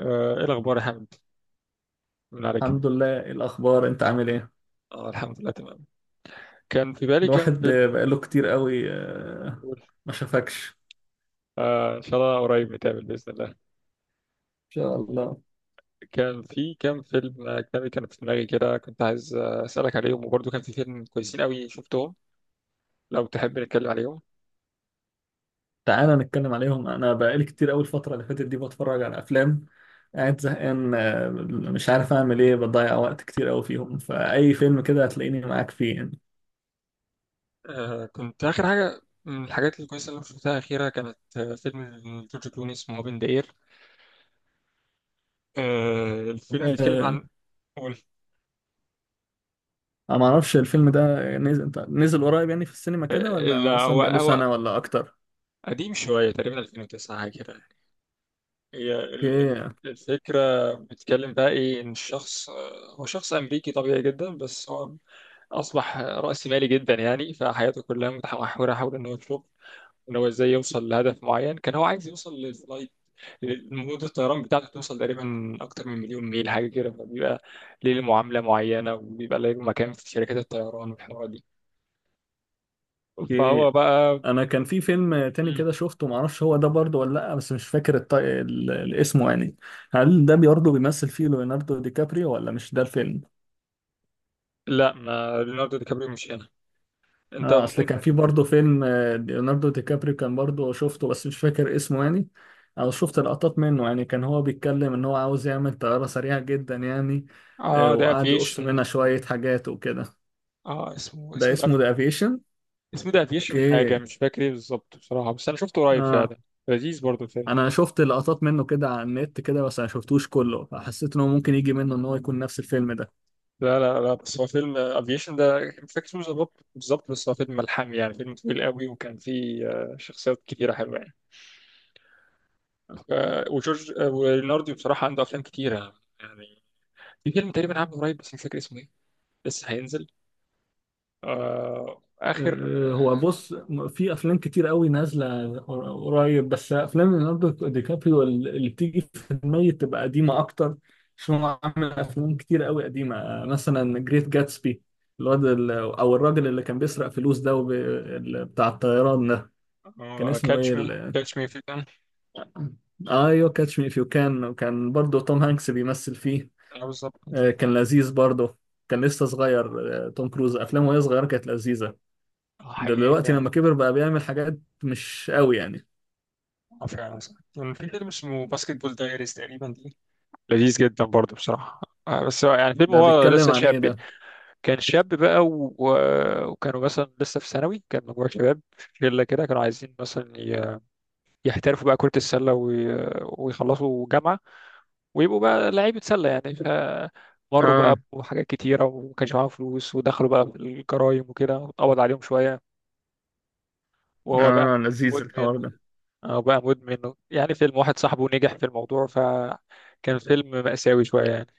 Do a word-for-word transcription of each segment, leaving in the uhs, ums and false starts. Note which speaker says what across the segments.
Speaker 1: آه، ايه الاخبار يا حمد؟ من عليك.
Speaker 2: الحمد لله، إيه الأخبار؟ أنت عامل إيه؟
Speaker 1: اه الحمد لله تمام. كان في بالي كام
Speaker 2: الواحد
Speaker 1: فيلم.
Speaker 2: آه، بقاله كتير قوي آه،
Speaker 1: قول.
Speaker 2: ما شافكش.
Speaker 1: آه، ان شاء الله قريب نتقابل باذن الله.
Speaker 2: إن شاء الله.
Speaker 1: كان في كام فيلم اجنبي كان في دماغي كده، كنت عايز آه، اسالك عليهم، وبرضه كان في فيلم كويسين قوي شفتهم. لو تحب نتكلم عليهم.
Speaker 2: تعالى نتكلم عليهم. أنا بقالي كتير قوي الفترة اللي فاتت دي بتفرج على أفلام، قاعد زهقان، آه، مش عارف أعمل إيه، بضيع وقت كتير قوي فيهم، فأي فيلم كده هتلاقيني معاك فيه يعني.
Speaker 1: آه، كنت اخر حاجه من الحاجات الكويسه اللي شفتها اخيرا كانت آه، فيلم جورج كلوني اسمه اوبن ذا اير. آه، الفيلم بيتكلم
Speaker 2: آه،
Speaker 1: عن، قول.
Speaker 2: أنا معرفش الفيلم ده نزل نزل قريب يعني في السينما
Speaker 1: آه،
Speaker 2: كده، ولا
Speaker 1: لا،
Speaker 2: مثلا
Speaker 1: هو
Speaker 2: بقاله
Speaker 1: هو
Speaker 2: سنة ولا أكتر؟
Speaker 1: قديم شويه، تقريبا ألفين وتسعة حاجه كده. هي ال- ال-
Speaker 2: أوكي،
Speaker 1: الفكرة بتتكلم بقى إيه، إن الشخص آه، هو شخص أمريكي طبيعي جدا، بس هو أصبح رأسمالي جدا يعني، فحياته كلها متمحورة حول إن هو يشوف إن هو إزاي يوصل لهدف معين. كان هو عايز يوصل للفلايت، مدة الطيران بتاعته توصل تقريبا أكتر من مليون ميل حاجة كده، فبيبقى ليه معاملة معينة وبيبقى له مكان في شركات الطيران والحوارات دي. فهو
Speaker 2: أوكي.
Speaker 1: بقى،
Speaker 2: انا كان في فيلم تاني
Speaker 1: مم.
Speaker 2: كده شفته، معرفش هو ده برضه ولا لا، بس مش فاكر الط... ال... الاسمه يعني. هل ده برضه بيمثل فيه ليوناردو دي كابريو ولا مش ده الفيلم؟
Speaker 1: لا، ما ليوناردو دي كابريو مش هنا. أنت
Speaker 2: اه، اصل كان
Speaker 1: ممكن،
Speaker 2: في برضه فيلم، آه، ليوناردو دي كابريو كان برضه شفته، بس مش فاكر اسمه يعني، او شفت لقطات منه يعني. كان هو بيتكلم ان هو عاوز يعمل طيارة سريعة جدا يعني، آه،
Speaker 1: آه ده
Speaker 2: وقعد يقص
Speaker 1: أفيشن.
Speaker 2: منها شوية حاجات وكده.
Speaker 1: اه، اسمه
Speaker 2: ده
Speaker 1: اسمه ده،
Speaker 2: اسمه ذا افيشن.
Speaker 1: اسمه ده افيشن حاجة،
Speaker 2: اوكي،
Speaker 1: مش فاكر ايه بالظبط بصراحة، بس انا شفته قريب
Speaker 2: اه.
Speaker 1: فعلا. لذيذ برضه الفيلم.
Speaker 2: انا شفت لقطات منه كده على النت كده، بس انا شفتوش كله، فحسيت ان هو ممكن يجي منه ان هو يكون نفس الفيلم ده.
Speaker 1: لا لا لا، بس هو فيلم افيشن ده، مش فاكر اسمه بالظبط بالظبط، بس هو فيلم ملحمي يعني، فيلم طويل قوي، وكان فيه آه، شخصيات كتيرة حلوة يعني. آه، وجورج، آه، وليوناردو بصراحة عنده افلام كتيرة يعني. في فيلم تقريبا عامله قريب بس مش فاكر اسمه ايه، لسه هينزل. آه اخر،
Speaker 2: أه، هو بص، م- في افلام كتير قوي نازله قر- قريب، بس افلام ليوناردو دي كابريو ال- اللي بتيجي في دماغي بتبقى قديمه اكتر، عشان هو عامل افلام كتير قوي قديمه، أه، مثلا جريت جاتسبي. الواد ال- او الراجل اللي كان بيسرق فلوس ده، وب... ال- بتاع الطيران ده، كان اسمه ايه
Speaker 1: كاتش مي
Speaker 2: ال...
Speaker 1: كاتش مي في كان.
Speaker 2: آه، ايوه، كاتش مي اف يو كان. كان برضه توم هانكس بيمثل فيه.
Speaker 1: اه بالظبط.
Speaker 2: آه، كان لذيذ برضه، كان لسه صغير. آه، توم كروز افلامه وهي صغيره كانت لذيذه،
Speaker 1: آه، حقيقي
Speaker 2: دلوقتي لما
Speaker 1: فعلا.
Speaker 2: كبر بقى بيعمل حاجات مش قوي يعني.
Speaker 1: اه فعلا صح. كان في فيلم اسمه باسكت بول دايريز تقريبا دي، لذيذ جدا برضه بصراحة. آه، بس هو يعني فيلم،
Speaker 2: ده
Speaker 1: هو
Speaker 2: بيتكلم
Speaker 1: لسه
Speaker 2: عن
Speaker 1: شاب
Speaker 2: ايه
Speaker 1: يعني.
Speaker 2: ده؟
Speaker 1: كان شاب بقى و... و- وكانوا مثلا لسه في ثانوي، كان مجموعة شباب في شلة كده كانوا عايزين مثلا ي- يحترفوا بقى كرة السلة وي... ويخلصوا جامعة ويبقوا بقى لعيبة سلة يعني. فمروا بقى
Speaker 2: اه،
Speaker 1: بحاجات كتيرة ومكانش معاهم فلوس، ودخلوا بقى في الجرايم وكده، قبض عليهم شوية. وهو بقى
Speaker 2: اه، لذيذ
Speaker 1: مدمن.
Speaker 2: الحوار ده.
Speaker 1: اه بقى مدمن، يعني فيلم واحد صاحبه نجح في الموضوع، فكان فيلم مأساوي شوية يعني.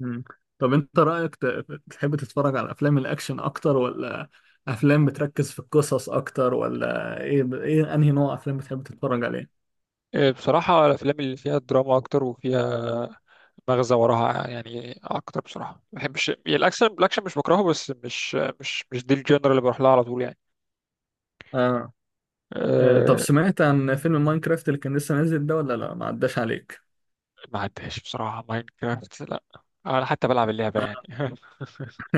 Speaker 2: مم. طب انت رايك، ت- تحب تتفرج على افلام الاكشن اكتر، ولا افلام بتركز في القصص اكتر، ولا ايه؟ ب... ايه انهي نوع افلام بتحب تتفرج عليه؟
Speaker 1: إيه، بصراحة الأفلام اللي فيها دراما أكتر وفيها مغزى وراها يعني أكتر بصراحة. ما بحبش يعني الأكشن، الأكشن مش بكرهه، بس مش مش مش دي الجنر اللي بروح لها على طول يعني.
Speaker 2: اه. آه، طب
Speaker 1: أه.
Speaker 2: سمعت عن فيلم ماينكرافت اللي كان لسه نازل ده، ولا لا ما عداش عليك؟
Speaker 1: ما عداش بصراحة، ماينكرافت لا. أنا حتى بلعب اللعبة يعني.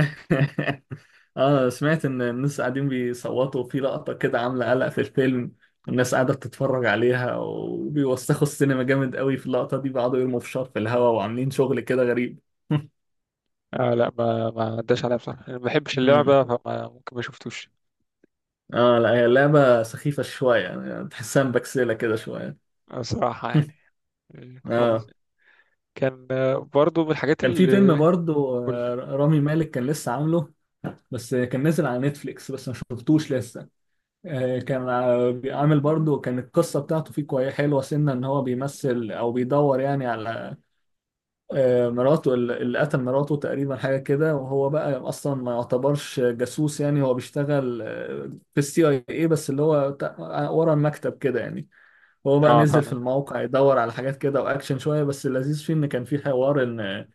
Speaker 2: اه، سمعت ان الناس قاعدين بيصوتوا في لقطة كده عاملة قلق في الفيلم، والناس قاعدة بتتفرج عليها وبيوسخوا السينما جامد قوي في اللقطة دي، بيقعدوا يرموا فشار في الهواء وعاملين شغل كده غريب.
Speaker 1: أه لا، ما ما عداش عليها بصراحة، أنا ما بحبش
Speaker 2: مم.
Speaker 1: اللعبة، فما ممكن ما شفتوش.
Speaker 2: اه لا، هي لعبة سخيفة شوية يعني، تحسها مبكسلة كده شوية.
Speaker 1: بصراحة يعني، إيه، خالص.
Speaker 2: اه،
Speaker 1: كان آه، برضو من الحاجات
Speaker 2: كان في فيلم
Speaker 1: اللي،
Speaker 2: برضو،
Speaker 1: قول.
Speaker 2: آه، رامي مالك كان لسه عامله، بس كان نازل على نتفليكس، بس ما شفتوش لسه. آه، كان، آه، عامل برضه، كان القصة بتاعته فيه كويس، حلوة سنة، إن هو بيمثل أو بيدور يعني على، آه، مراته، ال- اللي قتل مراته تقريبا حاجة كده، وهو بقى أصلا ما يعتبرش جاسوس يعني، هو بيشتغل، آه، في السي اي اي، بس اللي هو تا- ورا المكتب كده يعني. هو بقى
Speaker 1: اه
Speaker 2: نزل في
Speaker 1: فاهم.
Speaker 2: الموقع يدور على حاجات كده، وأكشن شوية، بس اللذيذ فيه إن كان فيه حوار، إن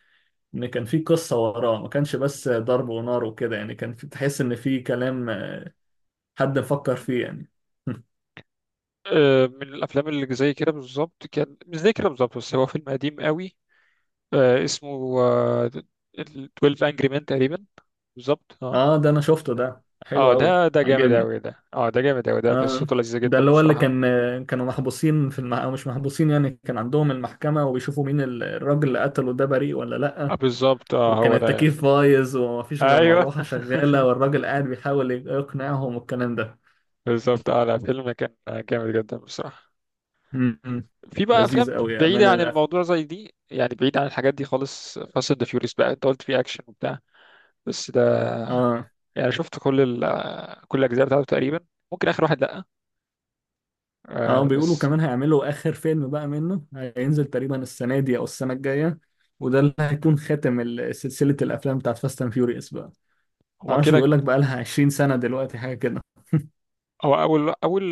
Speaker 2: إن كان فيه قصة وراه، ما كانش بس ضرب ونار وكده يعني، كان في تحس إن فيه كلام، آه، حد مفكر فيه يعني.
Speaker 1: آه، من الافلام اللي زي كده بالظبط، كان مش زي كده بالظبط، بس هو فيلم قديم قوي، آه، اسمه آه، اتناشر انجري مان تقريبا. بالظبط اه.
Speaker 2: اه ده انا شفته، ده حلو
Speaker 1: اه ده
Speaker 2: قوي،
Speaker 1: ده جامد
Speaker 2: عجبني.
Speaker 1: اوي ده، اه ده جامد اوي ده،
Speaker 2: اه،
Speaker 1: قصته لذيذة
Speaker 2: ده
Speaker 1: جدا
Speaker 2: اللي هو اللي
Speaker 1: بصراحة.
Speaker 2: كان، كانوا محبوسين في المح... او مش محبوسين يعني، كان عندهم المحكمة، وبيشوفوا مين ال- الراجل اللي قتله ده، بريء ولا
Speaker 1: آه،
Speaker 2: لأ،
Speaker 1: بالظبط، اه
Speaker 2: وكان
Speaker 1: هو ده يعني.
Speaker 2: التكييف بايظ، ومفيش غير
Speaker 1: ايوه.
Speaker 2: مروحة شغالة، والراجل قاعد بيحاول يقنعهم والكلام ده.
Speaker 1: بالظبط اه، لا فيلم كان جامد جدا بصراحة.
Speaker 2: امم.
Speaker 1: في بقى افلام
Speaker 2: لذيذ قوي يا
Speaker 1: بعيدة
Speaker 2: أمانة
Speaker 1: عن
Speaker 2: الأخ.
Speaker 1: الموضوع زي دي يعني، بعيد عن الحاجات دي خالص. فاست اند فيوريوس بقى، انت قلت فيه اكشن وبتاع، بس ده
Speaker 2: اه،
Speaker 1: يعني شفت كل ال... كل الاجزاء بتاعته تقريبا، ممكن اخر واحد لا.
Speaker 2: اه،
Speaker 1: آه
Speaker 2: بيقولوا
Speaker 1: بس
Speaker 2: كمان هيعملوا آخر فيلم بقى منه، هينزل تقريبا السنة دي أو السنة الجاية، وده اللي هيكون خاتم ال- سلسلة الأفلام بتاعت فاست أند فيوريوس.
Speaker 1: هو
Speaker 2: معرفش،
Speaker 1: كده.
Speaker 2: بيقول لك بقى لها عشرين سنة دلوقتي حاجة كده.
Speaker 1: هو اول اول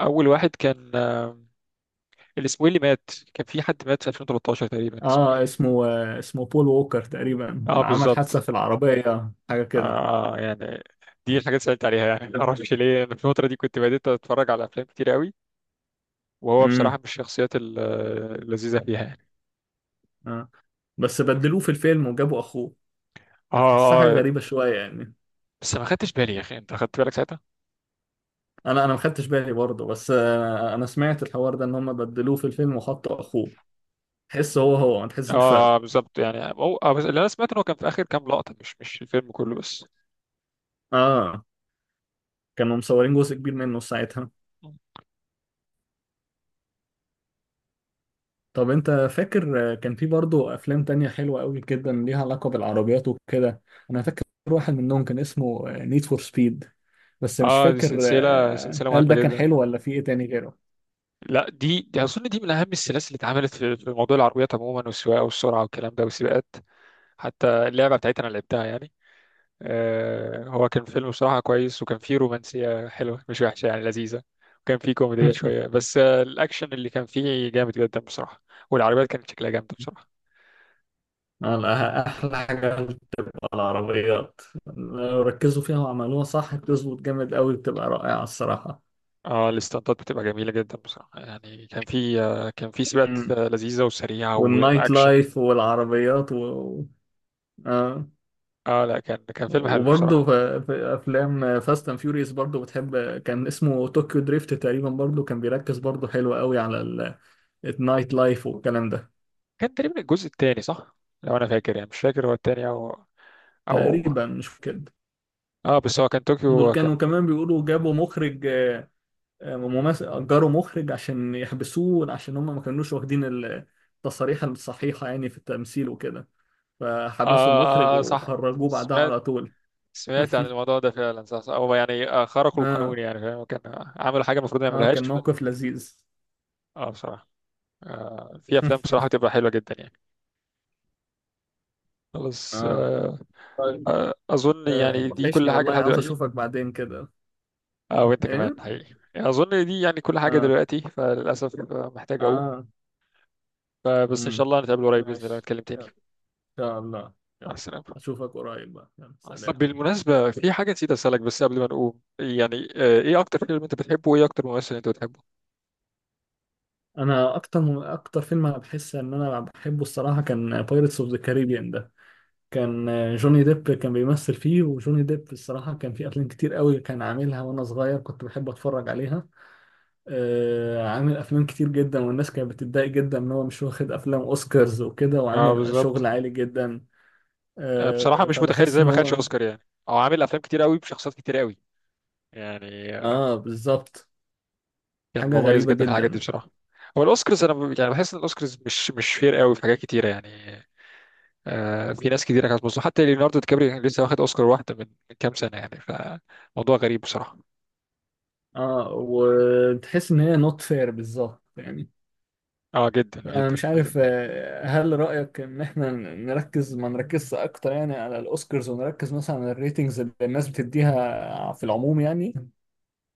Speaker 1: اول واحد كان، آه، الاسبوعي اللي مات، كان في حد مات في ألفين وتلتاشر تقريبا، اسمه
Speaker 2: اه،
Speaker 1: ايه؟
Speaker 2: اسمه آه، اسمه بول ووكر تقريبا،
Speaker 1: اه
Speaker 2: عمل حادثة
Speaker 1: بالظبط.
Speaker 2: في العربية حاجة كده.
Speaker 1: آه يعني، دي الحاجات اللي سألت عليها يعني. ما اعرفش ليه انا في الفتره دي كنت بديت اتفرج على افلام كتير قوي، وهو بصراحه
Speaker 2: امم.
Speaker 1: من الشخصيات ال- اللذيذه فيها يعني.
Speaker 2: آه. بس بدلوه في الفيلم وجابوا اخوه،
Speaker 1: اه.
Speaker 2: هتحسها حاجة
Speaker 1: اه
Speaker 2: غريبة شوية يعني.
Speaker 1: بس ما خدتش بالي يا اخي، انت خدت بالك ساعتها؟
Speaker 2: انا انا ما خدتش بالي برضه، بس آه، انا سمعت الحوار ده ان هم بدلوه في الفيلم وحطوا اخوه، تحس هو هو ما تحسش
Speaker 1: اه
Speaker 2: بفرق.
Speaker 1: آه، بالظبط يعني، هو آه، بس اللي انا سمعت ان هو كان في اخر كام لقطه، مش مش الفيلم كله بس.
Speaker 2: اه، كانوا مصورين جزء كبير منه ساعتها. طب انت فاكر كان في برضه افلام تانية حلوة قوي جدا، ليها علاقة بالعربيات وكده؟ انا فاكر واحد منهم كان اسمه نيد فور سبيد، بس مش
Speaker 1: اه دي
Speaker 2: فاكر،
Speaker 1: سلسله
Speaker 2: آه،
Speaker 1: سلسله
Speaker 2: هل
Speaker 1: مهمه
Speaker 2: ده كان
Speaker 1: جدا.
Speaker 2: حلو ولا في ايه تاني غيره؟
Speaker 1: لا دي دي اظن دي من اهم السلاسل اللي اتعملت في في موضوع العربيات عموما، والسواقه والسرعه والكلام ده والسباقات. حتى اللعبه بتاعتها انا لعبتها يعني. آه، هو كان فيلم بصراحه كويس، وكان فيه رومانسيه حلوه مش وحشه يعني، لذيذه. وكان فيه كوميديه شويه، بس آه الاكشن اللي كان فيه جامد جدا بصراحه. والعربيات كانت شكلها جامد بصراحه.
Speaker 2: آه، لا، أحلى حاجة بتبقى العربيات، لو ركزوا فيها وعملوها صح بتظبط جامد قوي، بتبقى رائعة الصراحة.
Speaker 1: اه الاستنطات بتبقى جميله جدا بصراحه يعني. كان فيه آه، كان فيه سباقات
Speaker 2: مم.
Speaker 1: آه، لذيذه وسريعه
Speaker 2: والنايت
Speaker 1: واكشن.
Speaker 2: لايف والعربيات و... آه.
Speaker 1: اه لا، كان كان فيلم حلو بصراحه.
Speaker 2: وبرضه في في افلام فاست اند فيوريوس برضه بتحب، كان اسمه طوكيو دريفت تقريبا، برضه كان بيركز برضه حلو قوي على ال- النايت لايف والكلام ده.
Speaker 1: كان تقريبا الجزء الثاني صح، لو انا فاكر يعني، مش فاكر هو التاني او، او،
Speaker 2: تقريبا مش كده.
Speaker 1: اه بس هو كان
Speaker 2: دول
Speaker 1: طوكيو كان.
Speaker 2: كانوا كمان بيقولوا جابوا مخرج، آه، آه، ممثل اجروا مخرج عشان يحبسوه، عشان هم ما كانوش واخدين ال- التصاريح الصحيحة يعني في التمثيل وكده،
Speaker 1: اه،
Speaker 2: فحبسوا المخرج
Speaker 1: آه، آه، صح.
Speaker 2: وخرجوه بعدها
Speaker 1: سمعت،
Speaker 2: على طول.
Speaker 1: سمعت عن الموضوع ده فعلا. صح، صح. هو يعني آه، خرقوا
Speaker 2: اه،
Speaker 1: القانون يعني، فاهم، كان آه، عملوا حاجه المفروض ما
Speaker 2: اه،
Speaker 1: يعملوهاش.
Speaker 2: كان موقف لذيذ.
Speaker 1: اه بصراحه. آه، في افلام بصراحه بتبقى حلوه جدا يعني. خلاص
Speaker 2: اه،
Speaker 1: آه. آه اظن
Speaker 2: آه،
Speaker 1: يعني دي
Speaker 2: وحشني
Speaker 1: كل حاجه
Speaker 2: والله،
Speaker 1: لحد
Speaker 2: عاوز
Speaker 1: دلوقتي.
Speaker 2: اشوفك بعدين كده.
Speaker 1: اه وانت كمان
Speaker 2: ايه،
Speaker 1: حقيقي يعني. اظن دي يعني كل حاجه
Speaker 2: اه،
Speaker 1: دلوقتي، فللاسف آه، محتاج اقوم.
Speaker 2: اه،
Speaker 1: فبس ان شاء
Speaker 2: امم،
Speaker 1: الله نتقابل قريب باذن الله
Speaker 2: ماشي.
Speaker 1: نتكلم تاني.
Speaker 2: يلا، ان شاء الله.
Speaker 1: مع
Speaker 2: يلا،
Speaker 1: السلامه.
Speaker 2: اشوفك قريب بقى، يلا
Speaker 1: طب
Speaker 2: سلام.
Speaker 1: بالمناسبة في حاجة نسيت أسألك بس قبل ما نقوم يعني، آه، إيه أكتر فيلم أنت بتحبه، وإيه أكتر ممثل أنت بتحبه؟
Speaker 2: انا اكتر، اكتر فيلم انا بحس ان انا بحبه الصراحه، كان بايرتس اوف ذا كاريبيان ده. كان، آه، جوني ديب كان بيمثل فيه، وجوني ديب الصراحه كان في افلام كتير قوي كان عاملها وانا صغير، كنت بحب اتفرج عليها. آه، عامل افلام كتير جدا، والناس كانت بتتضايق جدا ان هو مش واخد افلام اوسكارز وكده،
Speaker 1: اه
Speaker 2: وعامل
Speaker 1: بالظبط.
Speaker 2: شغل عالي جدا.
Speaker 1: آه، بصراحة
Speaker 2: آه،
Speaker 1: مش متخيل
Speaker 2: فبحس
Speaker 1: إزاي
Speaker 2: ان
Speaker 1: ما خدش
Speaker 2: هو،
Speaker 1: أوسكار يعني، أو عامل أفلام كتير قوي بشخصيات كتير قوي يعني. آه،
Speaker 2: اه بالظبط،
Speaker 1: كان
Speaker 2: حاجة
Speaker 1: مميز
Speaker 2: غريبة
Speaker 1: جدا في الحاجات دي
Speaker 2: جدا.
Speaker 1: بصراحة. هو الأوسكارز أنا ب- يعني بحس إن الأوسكارز مش مش فير قوي في حاجات كتيرة يعني. آه، في ناس كتيرة كانت مظلومة، حتى ليوناردو دي كابريو كان لسه واخد أوسكار واحدة من من كام سنة يعني، فموضوع غريب بصراحة.
Speaker 2: اه، وتحس ان هي نوت فير بالظبط يعني.
Speaker 1: أه جدا
Speaker 2: انا
Speaker 1: جدا.
Speaker 2: مش عارف، آه، هل رأيك ان احنا نركز ما نركزش اكتر يعني على الاوسكارز، ونركز مثلا على الريتنجز اللي الناس بتديها في العموم يعني،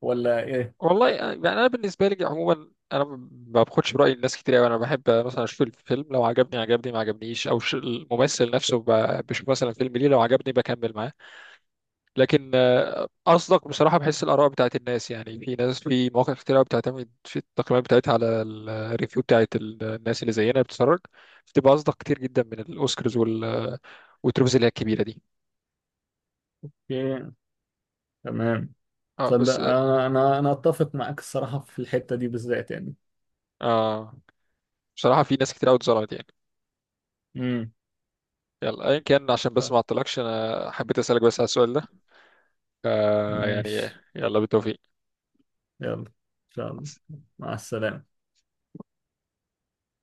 Speaker 2: ولا ايه؟
Speaker 1: والله آه، يعني انا بالنسبه لي عموما انا ما باخدش براي الناس كتير قوي، انا بحب مثلا اشوف الفيلم لو عجبني عجبني ما عجبنيش، او ش- الممثل نفسه ب- بشوف مثلا فيلم ليه لو عجبني بكمل معاه. لكن آه، اصدق بصراحه، بحس الاراء بتاعت الناس يعني، في ناس في مواقع كتير قوي بتعتمد في التقييمات بتاعتها على ال- الريفيو بتاعت ال- الناس اللي زينا بتتفرج، بتبقى اصدق كتير جدا من الاوسكارز وال والتروفيز اللي هي الكبيره دي.
Speaker 2: ايه، تمام.
Speaker 1: اه
Speaker 2: تصدق
Speaker 1: بس.
Speaker 2: انا، انا انا اتفق معاك الصراحة في الحتة دي بالذات يعني.
Speaker 1: آه بصراحه في ناس كتير قوي اتظلمت يعني.
Speaker 2: امم.
Speaker 1: يلا ايا كان، عشان بس
Speaker 2: طب،
Speaker 1: ما اعطلكش، انا حبيت اسالك بس على السؤال ده. آه يعني
Speaker 2: ماشي.
Speaker 1: يلا بالتوفيق.
Speaker 2: يلا، ان شاء الله، مع السلامة.